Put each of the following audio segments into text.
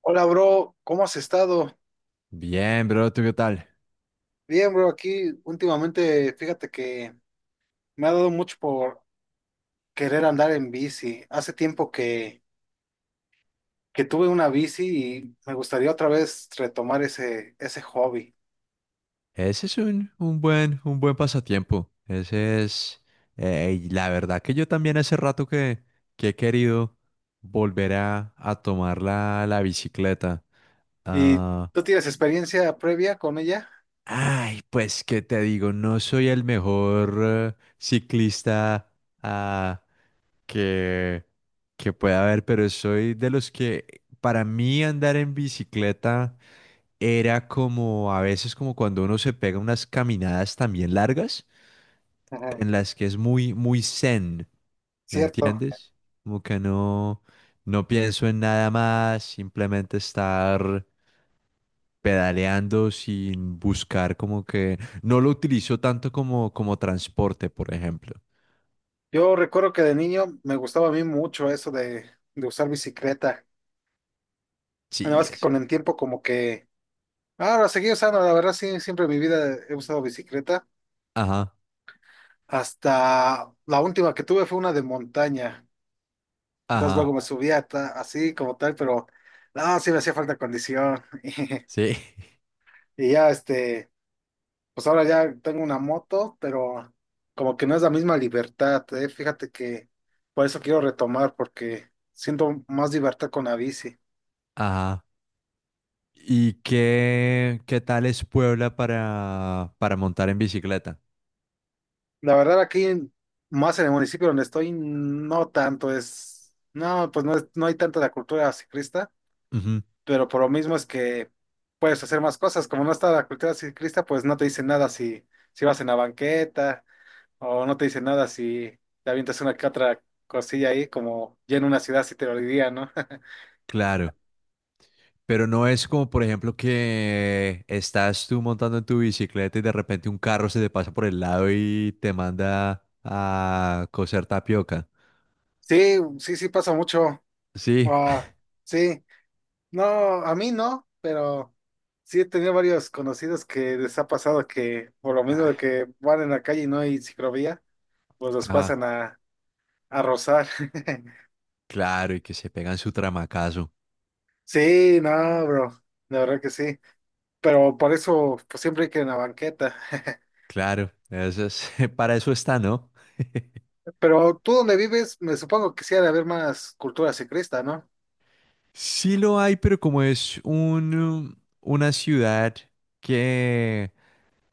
Hola, bro, ¿cómo has estado? Bien, bro, ¿tú qué tal? Bien, bro, aquí últimamente, fíjate que me ha dado mucho por querer andar en bici. Hace tiempo que tuve una bici y me gustaría otra vez retomar ese hobby. Ese es un buen pasatiempo. Ese es, y la verdad que yo también hace rato que he querido volver a tomar la bicicleta. ¿Y Ah, tú tienes experiencia previa con ella? ay, pues qué te digo, no soy el mejor ciclista ah, que, que pueda haber, pero soy de los que para mí andar en bicicleta era como a veces como cuando uno se pega unas caminadas también largas Ajá. en las que es muy, muy zen, ¿me Cierto. entiendes? Como que no pienso en nada más, simplemente estar pedaleando sin buscar como que no lo utilizo tanto como, como transporte, por ejemplo. Yo recuerdo que de niño me gustaba a mí mucho eso de usar bicicleta. Nada Sí, más que es con que. el tiempo como que… Ahora seguí usando, la verdad sí, siempre en mi vida he usado bicicleta. Ajá, Hasta la última que tuve fue una de montaña. Entonces luego ajá, así como tal, pero no, sí me hacía falta condición. sí, Y ya pues ahora ya tengo una moto, pero como que no es la misma libertad, eh. Fíjate que por eso quiero retomar, porque siento más libertad con la bici. ajá. ¿Y qué, tal es Puebla para montar en bicicleta? La verdad aquí, más en el municipio donde estoy, no tanto es, no, pues no, no hay tanta la cultura ciclista, Ujú, pero por lo mismo es que puedes hacer más cosas. Como no está la cultura ciclista, pues no te dicen nada si vas en la banqueta o no te dicen nada si te avientas una que otra cosilla ahí, como ya en una ciudad sí te lo diría, ¿no? claro. Pero no es como, por ejemplo, que estás tú montando en tu bicicleta y de repente un carro se te pasa por el lado y te manda a coser tapioca. Sí, sí, sí pasa mucho. Sí. Ah, sí, no, a mí no, pero sí he tenido varios conocidos que les ha pasado que por lo mismo de Ah, que van en la calle y no hay ciclovía, pues los ajá. pasan a rozar. Claro, y que se pegan su tramacazo. Sí, no, bro, la verdad que sí, pero por eso pues, siempre hay que en la banqueta. Claro, eso es, para eso está, ¿no? Pero tú donde vives, me supongo que sí ha de haber más cultura ciclista, ¿no? Sí lo hay, pero como es una ciudad que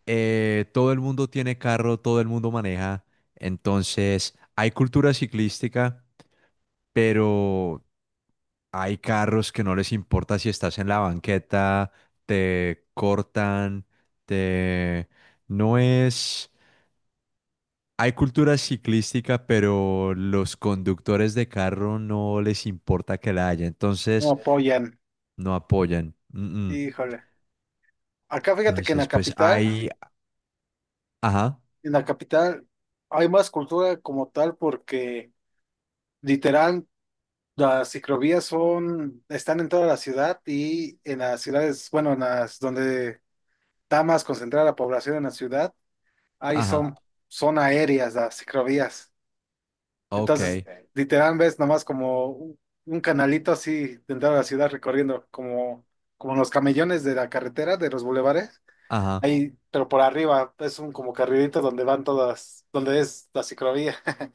todo el mundo tiene carro, todo el mundo maneja, entonces hay cultura ciclística, pero hay carros que no les importa si estás en la banqueta, te cortan, te... No es... Hay cultura ciclística, pero los conductores de carro no les importa que la haya, No entonces apoyan. no apoyan. Mm, mm. Híjole. Acá fíjate que Entonces, pues hay... Ajá, en la capital hay más cultura como tal porque literal las ciclovías son, están en toda la ciudad y en las ciudades, bueno, en las donde está más concentrada la población en la ciudad, ahí ajá, son, son aéreas las ciclovías. ok, Entonces, ok, literal, ves nomás como un canalito así dentro de la ciudad recorriendo, como, como los camellones de la carretera, de los bulevares. ajá. Ahí, pero por arriba es un como carrilito donde van todas, donde es la ciclovía.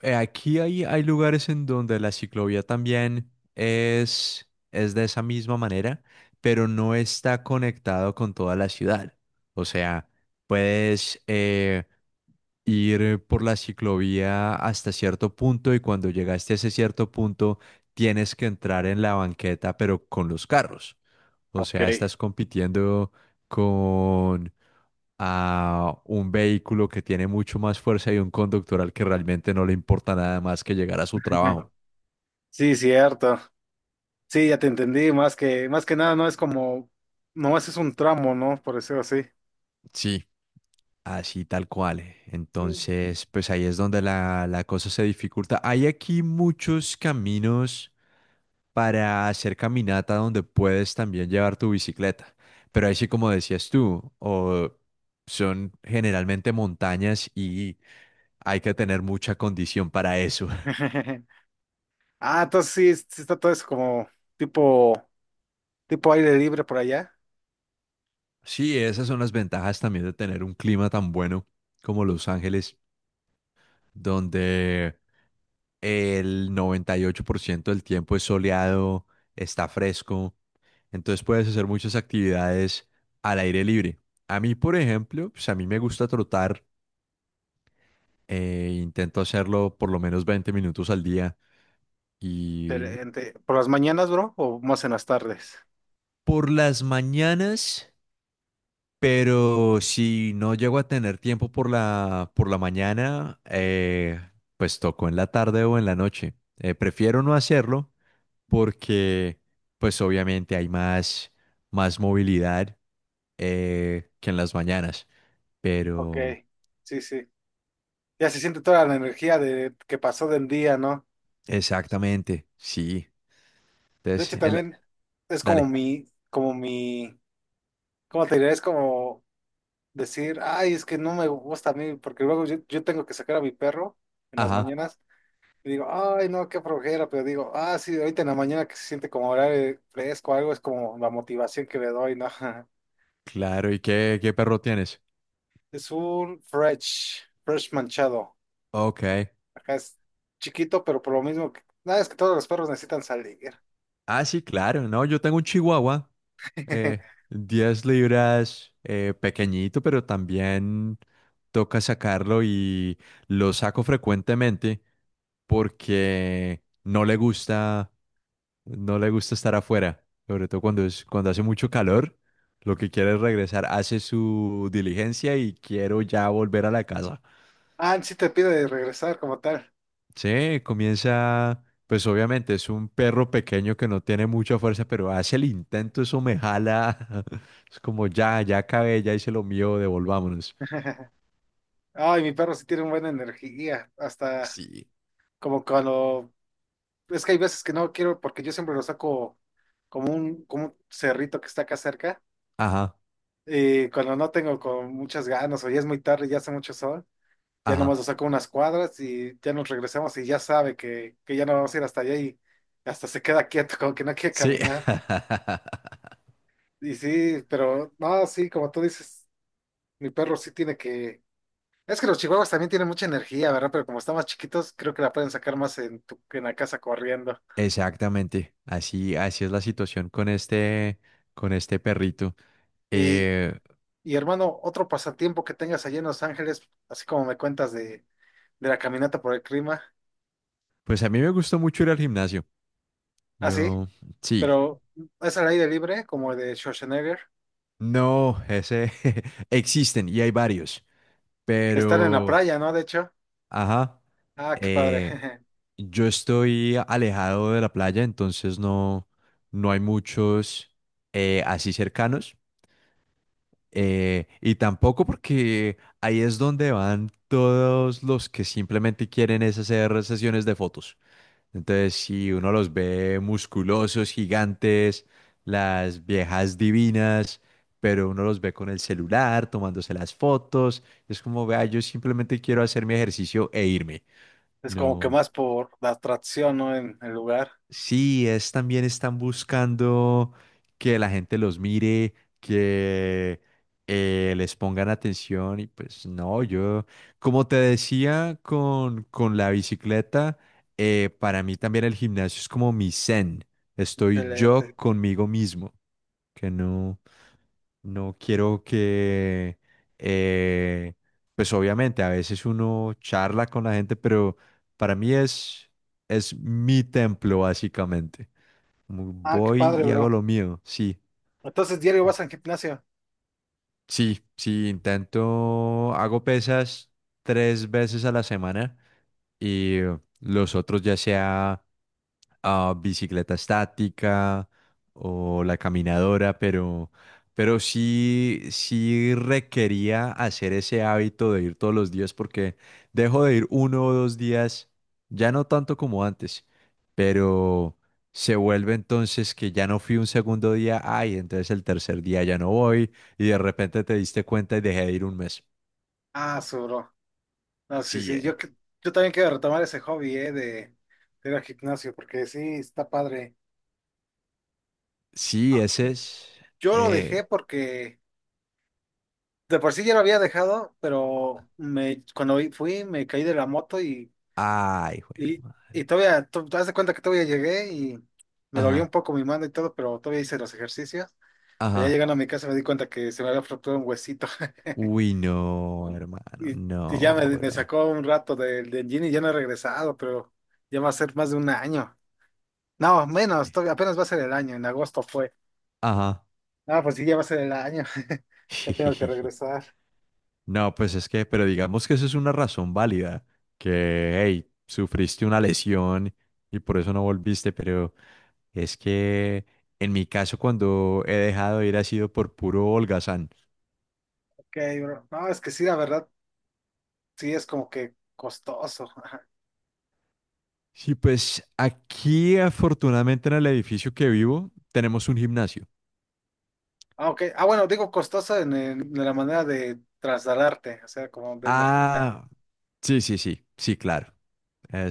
Aquí hay lugares en donde la ciclovía también es de esa misma manera, pero no está conectado con toda la ciudad. O sea, puedes ir por la ciclovía hasta cierto punto y cuando llegaste a ese cierto punto tienes que entrar en la banqueta, pero con los carros. O Ok. sea, estás compitiendo a un vehículo que tiene mucho más fuerza y un conductor al que realmente no le importa nada más que llegar a su trabajo. Sí, cierto. Sí, ya te entendí. Más que nada, no es como, nomás es un tramo, ¿no? Por decirlo así. Sí. Así tal cual. Mm. Entonces, pues ahí es donde la cosa se dificulta. Hay aquí muchos caminos para hacer caminata donde puedes también llevar tu bicicleta. Pero ahí sí, como decías tú, o son generalmente montañas y hay que tener mucha condición para eso. Ah, entonces sí, sí está todo eso como tipo, tipo aire libre por allá. Sí, esas son las ventajas también de tener un clima tan bueno como Los Ángeles, donde el 98% del tiempo es soleado, está fresco, entonces puedes hacer muchas actividades al aire libre. A mí, por ejemplo, pues a mí me gusta trotar, intento hacerlo por lo menos 20 minutos al día y Excelente. ¿Por las mañanas, bro? ¿O más en las tardes? por las mañanas. Pero si no llego a tener tiempo por la mañana, pues toco en la tarde o en la noche. Prefiero no hacerlo porque, pues obviamente hay más movilidad que en las mañanas. Ok, Pero sí, sí. Ya se siente toda la energía de que pasó del día, ¿no? exactamente, sí. De Entonces, hecho, también es como dale. Como mi, ¿cómo te diré? Es como decir, ay, es que no me gusta a mí, porque luego yo tengo que sacar a mi perro en las Ajá, mañanas. Y digo, ay, no, qué flojera, pero digo, ah, sí, ahorita en la mañana que se siente como horario fresco, algo es como la motivación que le doy, ¿no? claro. ¿Y qué perro tienes? Es un fresh manchado. Ok. Acá es chiquito, pero por lo mismo que, nada, es que todos los perros necesitan salir. Ah, sí, claro. No, yo tengo un chihuahua. 10 libras, pequeñito, pero también toca sacarlo y lo saco frecuentemente porque no le gusta estar afuera, sobre todo cuando es, cuando hace mucho calor, lo que quiere es regresar, hace su diligencia y quiero ya volver a la casa. Ah, sí te pide de regresar como tal. Sí, comienza, pues obviamente es un perro pequeño que no tiene mucha fuerza, pero hace el intento, eso me jala. Es como ya, ya acabé, ya hice lo mío, devolvámonos. Ay, mi perro sí tiene una buena energía, hasta Sí. como cuando, es que hay veces que no quiero, porque yo siempre lo saco como un cerrito que está acá cerca. Ajá, Y cuando no tengo con muchas ganas o ya es muy tarde, ya hace mucho sol, ya ajá. nomás lo saco unas cuadras y ya nos regresamos y ya sabe que ya no vamos a ir hasta allá y hasta se queda quieto, como que no quiere Sí, caminar. Y sí, pero no, sí, como tú dices, mi perro sí tiene que… Es que los chihuahuas también tienen mucha energía, ¿verdad? Pero como están más chiquitos, creo que la pueden sacar más en la casa corriendo. exactamente. Así, así es la situación con este perrito. Y, Eh, y hermano, otro pasatiempo que tengas allá en Los Ángeles, así como me cuentas de la caminata por el clima. pues a mí me gustó mucho ir al gimnasio. ¿Ah, sí? Yo, sí, Pero es al aire libre, como el de Schwarzenegger, no, ese existen y hay varios, que están en la pero. playa, ¿no? De hecho. Ajá. Ah, qué padre. Eh, yo estoy alejado de la playa, entonces no hay muchos así cercanos. Y tampoco porque ahí es donde van todos los que simplemente quieren es hacer sesiones de fotos. Entonces, si uno los ve musculosos, gigantes, las viejas divinas, pero uno los ve con el celular, tomándose las fotos, es como, vea, yo simplemente quiero hacer mi ejercicio e irme. Es como que No. más por la atracción, ¿no? En el lugar. Sí, es también están buscando que la gente los mire, que les pongan atención y pues no, yo, como te decía con la bicicleta, para mí también el gimnasio es como mi zen, estoy Excelente. yo conmigo mismo, que no quiero que, eh, pues obviamente a veces uno charla con la gente, pero para mí es mi templo básicamente. Como Ah, qué voy padre, y hago bro. lo mío. Sí, Entonces, diario vas al gimnasio. sí, sí, intento, hago pesas tres veces a la semana y los otros ya sea bicicleta estática o la caminadora, pero sí requería hacer ese hábito de ir todos los días porque dejo de ir uno o dos días, ya no tanto como antes, pero se vuelve entonces que ya no fui un segundo día, ay, entonces el tercer día ya no voy y de repente te diste cuenta y dejé de ir un mes. Ah, su bro. No, sí, Sí, sí. Yo también quiero retomar ese hobby, ¿eh? De ir al gimnasio, porque sí, está padre. sí, ese Yes. es... Yo lo eh, dejé porque de por sí ya lo había dejado, pero cuando fui me caí de la moto. Y, Ay, jue Y, y madre. todavía, tú haz de cuenta que todavía llegué y me dolió un Ajá, poco mi mano y todo, pero todavía hice los ejercicios. Pero ya ajá. llegando a mi casa me di cuenta que se me había fracturado un huesito. Uy, no, hermano, Y, y ya no, me bro. sacó un rato del gym y ya no he regresado, pero ya va a ser más de un año. No, Sí. menos, todavía apenas va a ser el año, en agosto fue. Ajá. No, pues sí, ya va a ser el año. Ya tengo que regresar. No, pues es que, pero digamos que eso es una razón válida, que, hey, sufriste una lesión y por eso no volviste, pero es que en mi caso cuando he dejado de ir ha sido por puro holgazán. Ok, bro. No, es que sí, la verdad, sí es como que costoso. Sí, pues aquí afortunadamente en el edificio que vivo tenemos un gimnasio. Ah, ok. Ah, bueno, digo costoso en, de la manera de trasladarte, o sea, como de energía. Ah, sí, sí, sí, sí, claro.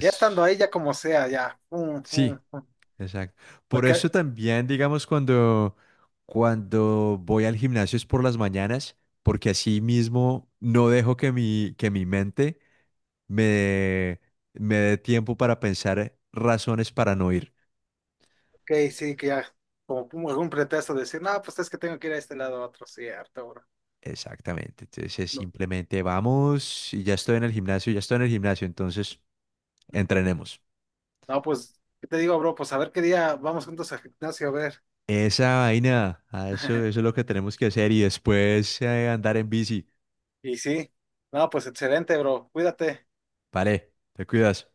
Ya estando ahí, ya como sea, ya, pum, pum, sí. pum. Exacto. Por Porque, eso también, digamos, cuando voy al gimnasio es por las mañanas, porque así mismo no dejo que mi mente me dé, me dé tiempo para pensar razones para no ir. ok, sí, que ya, como pum, algún pretexto de decir, no, pues es que tengo que ir a este lado a otro, cierto, bro. Exactamente. Entonces es No, simplemente vamos y ya estoy en el gimnasio, ya estoy en el gimnasio, entonces entrenemos. no, pues, ¿qué te digo, bro? Pues a ver qué día vamos juntos al gimnasio a ver. Esa vaina, eso es lo que tenemos que hacer y después andar en bici. Y sí, no, pues excelente, bro. Cuídate. Vale, te cuidas.